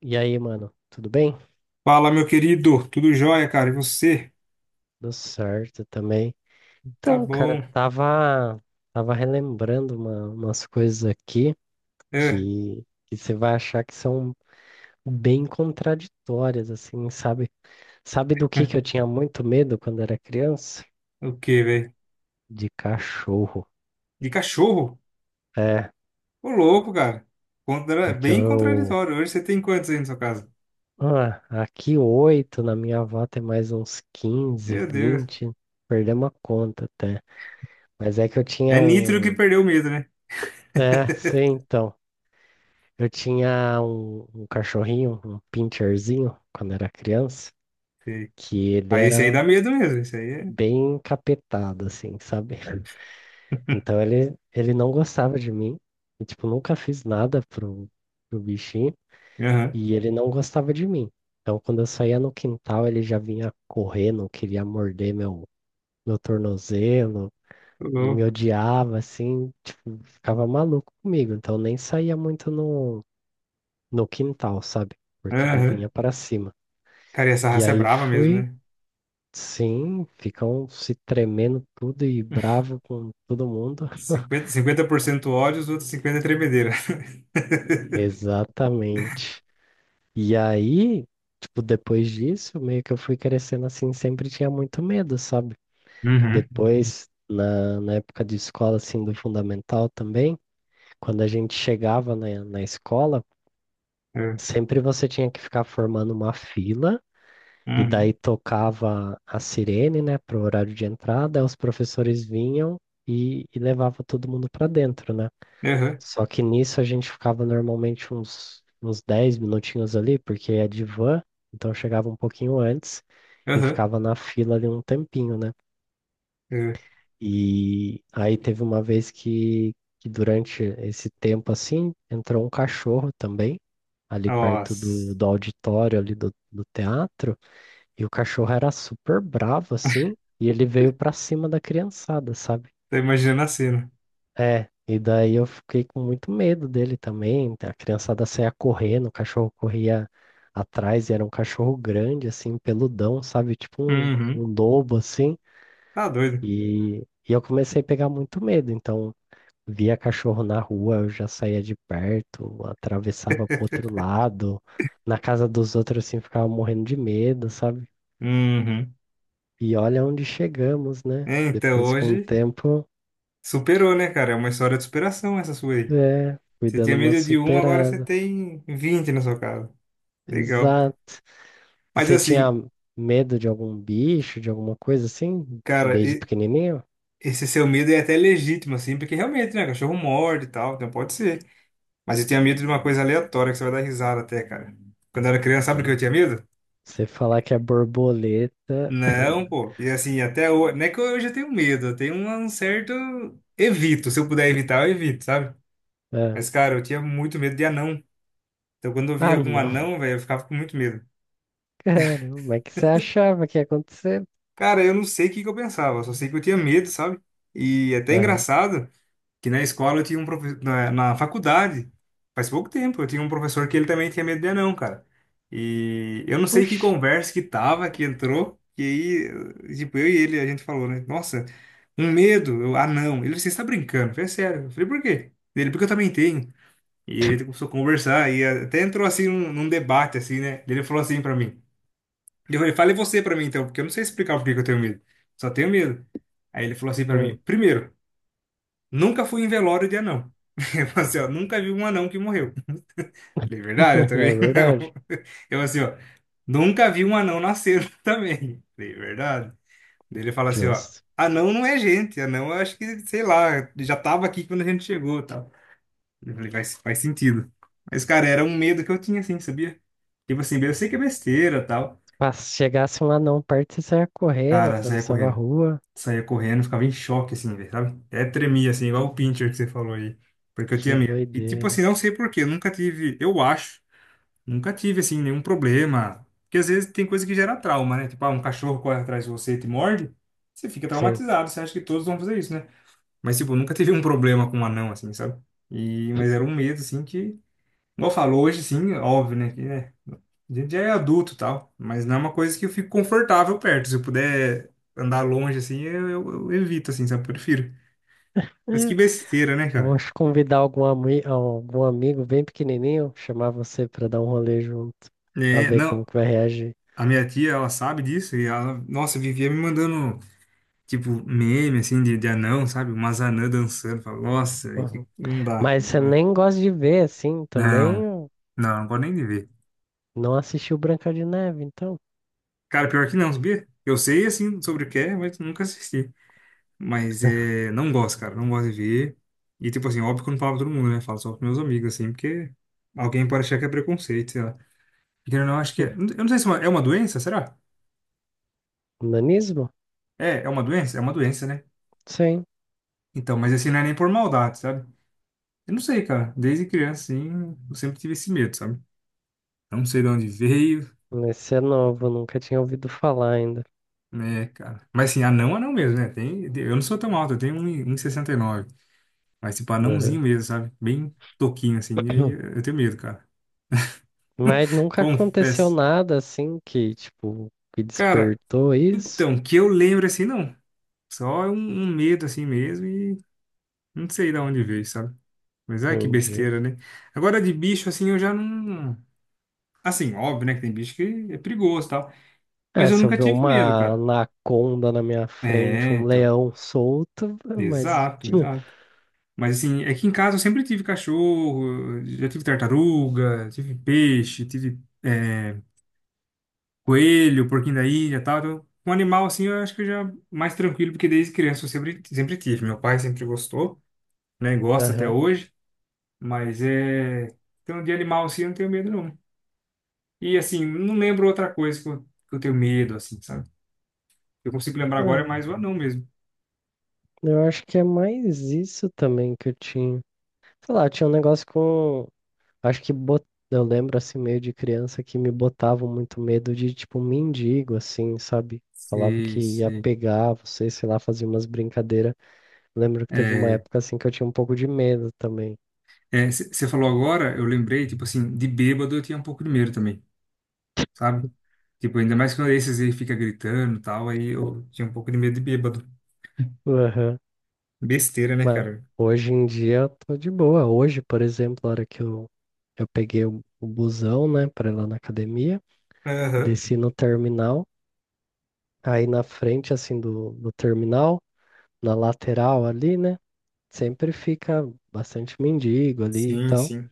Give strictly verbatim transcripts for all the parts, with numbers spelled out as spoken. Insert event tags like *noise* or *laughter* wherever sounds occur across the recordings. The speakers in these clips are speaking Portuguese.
E aí, mano, tudo bem? Fala, meu querido. Tudo jóia, cara? E você? Tudo certo também. Tá Então, cara, bom. tava, tava relembrando uma- umas coisas aqui É. que, que você vai achar que são bem contraditórias, assim, sabe? Sabe do que que eu *laughs* tinha muito medo quando era criança? O quê, velho? De cachorro. De cachorro? É, Ô, louco, cara. Contra... porque Bem eu. contraditório. Hoje você tem quantos aí na sua casa? Ah, aqui oito, na minha avó tem mais uns quinze, Meu Deus. vinte, perdemos a conta até. Mas é que eu É tinha Nitro que um. perdeu o medo, né? É, sim, então. Eu tinha um, um cachorrinho, um pincherzinho, quando era criança, Sei. que ele Aí esse aí dá era medo mesmo. Esse aí bem encapetado, assim, sabe? *laughs* Então ele, ele não gostava de mim. Eu, tipo, nunca fiz nada pro, pro bichinho é. Aham. e ele não gostava de mim. Então quando eu saía no quintal, ele já vinha correndo, queria morder meu, meu tornozelo, Ô, me louco. odiava, assim, tipo, ficava maluco comigo. Então eu nem saía muito no, no quintal, sabe? Porque ele Aham. vinha para cima. Cara, e essa E raça é aí brava mesmo, fui, né? sim, ficam se tremendo tudo e *laughs* bravo com todo mundo. *laughs* cinquenta cinquenta por cento ódio, os outros cinquenta por cento tremedeira. *laughs* Exatamente. E aí, tipo, depois disso, meio que eu fui crescendo assim, sempre tinha muito medo, sabe? Uhum. Depois, na, na época de escola, assim, do fundamental também, quando a gente chegava na, na escola, É. sempre você tinha que ficar formando uma fila. E daí Uhum. tocava a sirene, né, para o horário de entrada, aí os professores vinham e, e levava todo mundo para dentro, né? Aham. Só que nisso a gente ficava normalmente uns, uns dez minutinhos ali, porque é de van, então eu chegava um pouquinho antes e Aham. ficava na fila ali um tempinho, né? É. E aí teve uma vez que, que durante esse tempo assim, entrou um cachorro também, ali perto do, Nossa. do auditório ali do, do teatro. E o cachorro era super bravo, assim, e ele veio pra cima da criançada, sabe? Tô imaginando a cena. É, e daí eu fiquei com muito medo dele também. A criançada saía correndo, o cachorro corria atrás, e era um cachorro grande, assim, peludão, sabe? Tipo um, Uhum. um lobo, assim. Tá doido. E, e eu comecei a pegar muito medo, então via cachorro na rua, eu já saía de perto, atravessava pro outro lado. Na casa dos outros, assim, ficava morrendo de medo, sabe? Uhum. E olha onde chegamos, né? É, então Depois, com o hoje tempo, superou, né, cara? É uma história de superação essa sua aí. é, fui Você tinha dando uma medo de um, agora você superada. tem vinte na sua casa. Legal. Exato. E Mas você tinha assim, medo de algum bicho, de alguma coisa assim, cara, desde e- pequenininho? esse seu medo é até legítimo, assim, porque realmente, né, cachorro morde e tal, então pode ser. Mas eu tinha medo de uma coisa aleatória que você vai dar risada até, cara. Quando eu era criança, sabe o que Ah, eu tinha medo? você falar que é borboleta. Não, *laughs* pô. E assim, até hoje, não é que hoje eu tenho medo, eu tenho um um certo evito. Se eu puder evitar, eu evito, sabe? Ah, Mas, cara, eu tinha muito medo de anão. Então, quando eu via ah, algum não. anão, *laughs* velho, eu ficava com muito medo. Caramba, mas que você achava que ia acontecer? Cara, eu não sei o que que eu pensava, só sei que eu tinha medo, sabe? E até é Aham. engraçado que na escola eu tinha um professor, na, na faculdade, faz pouco tempo, eu tinha um professor que ele também tinha medo de anão, cara. E eu não sei que Oxi. conversa que tava, que entrou, e aí, tipo, eu e ele, a gente falou, né? Nossa, um medo, eu, anão. Ele, você está brincando? Eu falei, "É sério. Eu falei, por quê? Ele, porque eu também tenho. E ele começou a conversar, e até entrou assim num, num debate, assim, né? Ele falou assim pra mim. Ele falou, fale você pra mim então, porque eu não sei explicar por que que eu tenho medo. Só tenho medo. Aí ele falou assim pra mim: Hum. primeiro, nunca fui em velório de anão. *laughs* Eu falei assim, ó, nunca vi um anão que morreu. Falei, verdade, eu *laughs* É também verdade. não. *laughs* Eu assim, ó, nunca vi um anão nascer *laughs* também. Falei, verdade. Daí ele fala assim, ó, Justo. anão não é gente, anão eu acho que, sei lá, já tava aqui quando a gente chegou e tal. Eu falei, faz, faz sentido. Mas, cara, era um medo que eu tinha, assim, sabia? Tipo assim, eu sei que é besteira e tal. Ah, se chegasse um anão perto, você saia correndo, Cara, saia atravessava a correndo. rua. Saía correndo, ficava em choque, assim, velho, sabe? Até tremia, assim, igual o Pinscher que você falou aí, porque eu Que tinha medo. E, tipo assim, doideira. não sei por quê, eu nunca tive, eu acho, nunca tive, assim, nenhum problema. Porque às vezes tem coisa que gera trauma, né? Tipo, ah, um cachorro corre atrás de você e te morde, você fica Sim. traumatizado, você acha que todos vão fazer isso, né? Mas, tipo, eu nunca tive um problema com um anão, assim, sabe? E, mas era um medo, assim, que, igual eu falo, hoje, assim, óbvio, né? Que, né? A gente já é adulto e tal, mas não é uma coisa que eu fico confortável perto. Se eu puder andar longe assim, eu, eu- eu evito, assim, sabe? Eu prefiro. Mas que É, besteira, né, vou cara? te convidar algum, ami- algum amigo bem pequenininho, chamar você pra dar um rolê junto, pra É, ver não, como que vai reagir. a minha tia, ela sabe disso e ela, nossa, vivia me mandando, tipo, meme, assim, de, de anão, sabe? Umas anãs dançando. Fala, nossa, velho, Uhum. que não dá, Mas não você vai. nem gosta de ver, assim, também Não, eu não, não gosto nem de ver. não assistiu Branca de Neve, então. Cara, pior que não, sabia? Eu sei, assim, sobre o que é, mas nunca assisti. Mas é, não gosto, cara, não gosto de ver. E tipo assim, óbvio que eu não falo pra todo mundo, né? Falo só pros meus amigos, assim, porque alguém pode achar que é preconceito, sei lá. E querendo ou não, acho que é. Eu *laughs* não sei se é uma, é uma doença, será? Nanismo? É, é uma doença? É uma doença, né? Sim. Então, mas assim, não é nem por maldade, sabe? Eu não sei, cara. Desde criança, assim, eu sempre tive esse medo, sabe? Eu não sei de onde veio, Esse é novo, nunca tinha ouvido falar ainda. né, cara. Mas assim, anão, anão mesmo, né? Tem, eu não sou tão alto, eu tenho um e- um e sessenta e nove. Mas tipo, anãozinho Uhum. mesmo, sabe? Bem toquinho, assim. E aí eu *clears throat* tenho medo, cara. Mas nunca aconteceu Confesso. nada assim que, tipo, que Cara, despertou isso. então, que eu lembro assim, não. Só um, um medo assim mesmo e não sei de onde veio, sabe? Mas é que Entendi. besteira, né? Agora de bicho assim eu já não. Assim, óbvio, né? Que tem bicho que é perigoso e tal. É, Mas eu se eu nunca ver tive medo, uma cara. anaconda na minha frente, É, um então. leão solto, mas. Exato, exato. *laughs* Mas assim, é que em casa eu sempre tive cachorro, já tive tartaruga, tive peixe, tive é, coelho, porquinho da ilha e tal. Então, um animal assim eu acho que eu já mais tranquilo, porque desde criança eu sempre, sempre tive. Meu pai sempre gostou. Né? Gosto até Aham. hoje, mas é. Então, de animal assim, eu não tenho medo, não. E assim, não lembro outra coisa que eu, que eu tenho medo, assim, sabe? Eu consigo lembrar agora é Não, mais o anão mesmo. eu acho que é mais isso também que eu tinha. Sei lá, tinha um negócio com. Acho que bot... eu lembro assim, meio de criança, que me botavam muito medo de, tipo, um mendigo, assim, sabe? Falava que Sei, ia sei. pegar você, sei lá, fazia umas brincadeiras. Lembro que teve uma É, época assim que eu tinha um pouco de medo também. é, você falou agora, eu lembrei, tipo assim, de bêbado eu tinha um pouco de medo também, sabe? Tipo, ainda mais quando esses aí fica gritando e tal, aí eu tinha um pouco de medo de bêbado. Besteira, né, Mas cara? hoje em dia eu tô de boa. Hoje, por exemplo, a hora que eu, eu peguei o, o busão, né, pra ir lá na academia, Aham. desci no terminal, aí na frente, assim, do, do terminal, na lateral ali, né, sempre fica bastante mendigo ali e Sim, tal. sim.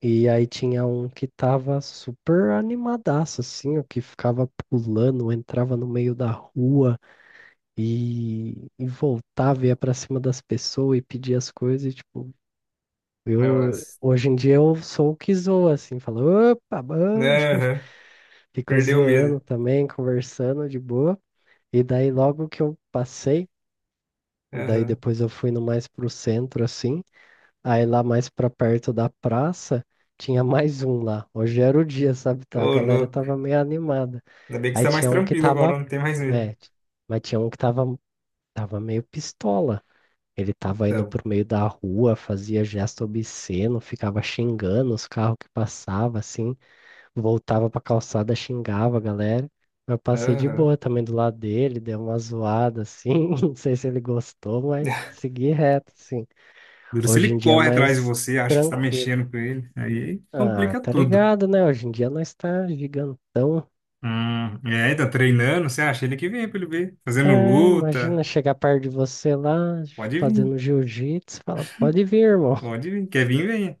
E aí tinha um que tava super animadaço, assim, o que ficava pulando, entrava no meio da rua e, e voltava, ia pra cima das pessoas e pedia as coisas, e, tipo. Eu, Nossa. hoje em dia eu sou o que zoa, assim, falo, opa, bom, Aham. *laughs* fico Perdeu o medo. zoando também, conversando de boa. E daí logo que eu passei, daí Aham. depois eu fui no mais pro centro, assim, aí lá mais pra perto da praça, tinha *laughs* mais um lá. Hoje era o dia, sabe, tá? A Ô, galera louco. tava meio animada. Ainda bem que você Aí tá mais tinha um que tranquilo agora, tava, não tem mais medo. é, mas tinha um que tava, tava meio pistola. Ele tava indo Então, por meio da rua, fazia gesto obsceno, ficava xingando os carros que passavam, assim, voltava pra calçada, xingava a galera. Eu passei de aham. boa também do lado dele, dei uma zoada, assim, *laughs* não sei se ele gostou, mas *laughs* segui reto, assim. Duro se Hoje ele em dia é corre atrás de mais você, acha que você tá tranquilo. mexendo com ele. Aí Ah, complica tá tudo. ligado, né? Hoje em dia nós tá gigantão. Hum, é, tá treinando, você acha ele que vem pra ele ver. Fazendo Ah, luta. imagina chegar perto de você lá, Pode vir, fazendo jiu-jitsu, fala, pode vir, irmão. pode vir. Quer vir, venha.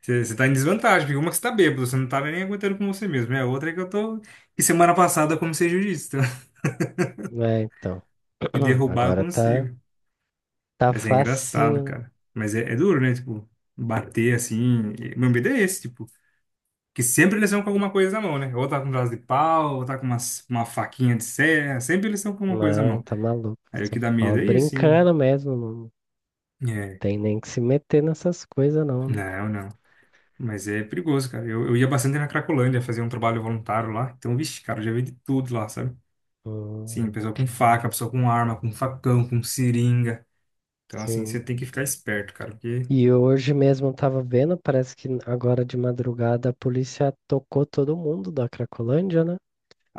Você, você tá em desvantagem, porque uma que você tá bêbado, você não tá nem aguentando com você mesmo. É a outra é que eu tô. E semana passada eu comecei jiu-jitsu. Tá? *laughs* É, então, E *clears throat* derrubar eu agora tá. consigo. Tá Mas é engraçado, facinho, né? cara. Mas é, é duro, né? Tipo, bater assim. e- Meu medo é esse, tipo. Que sempre eles estão com alguma coisa na mão, né? Ou tá com um braço de pau, ou tá com uma, uma faquinha de serra. Sempre eles estão com alguma coisa na Não, mão. tá maluco. Aí o Só que dá falo medo é isso, hein? brincando mesmo. Não É. tem nem que se meter nessas coisas, não, né? Não, não. Mas é perigoso, cara. Eu, eu ia bastante na Cracolândia fazer um trabalho voluntário lá. Então, vixe, cara, eu já vi de tudo lá, sabe? Hum, Sim, pessoa com faca, pessoa com arma, com facão, com seringa. Então, assim, você sim. tem que ficar esperto, cara. Porque. E hoje mesmo eu tava vendo, parece que agora de madrugada a polícia tocou todo mundo da Cracolândia, né?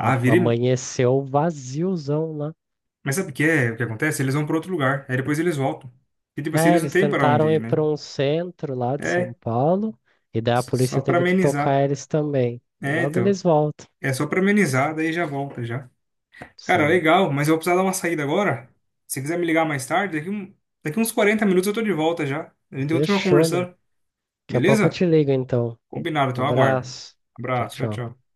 A- vira. e- Amanheceu vaziozão lá. Mas sabe o que é? O que acontece? Eles vão para outro lugar. Aí depois eles voltam. E, tipo assim, É, eles não eles têm para onde tentaram ir, ir né? para um centro lá de É, São Paulo, e daí a só polícia para teve que amenizar. tocar eles também. E É, logo então, eles voltam. é só pra amenizar, daí já volta já. Cara, Sim. legal, mas eu vou precisar dar uma saída agora. Se quiser me ligar mais tarde, daqui, um- daqui uns quarenta minutos eu tô de volta já. A gente continua Fechou, mano. conversando, Daqui a pouco eu beleza? te ligo, então. Combinado, então eu aguardo. Abraço. Tchau, Abraço, tchau. tchau, tchau.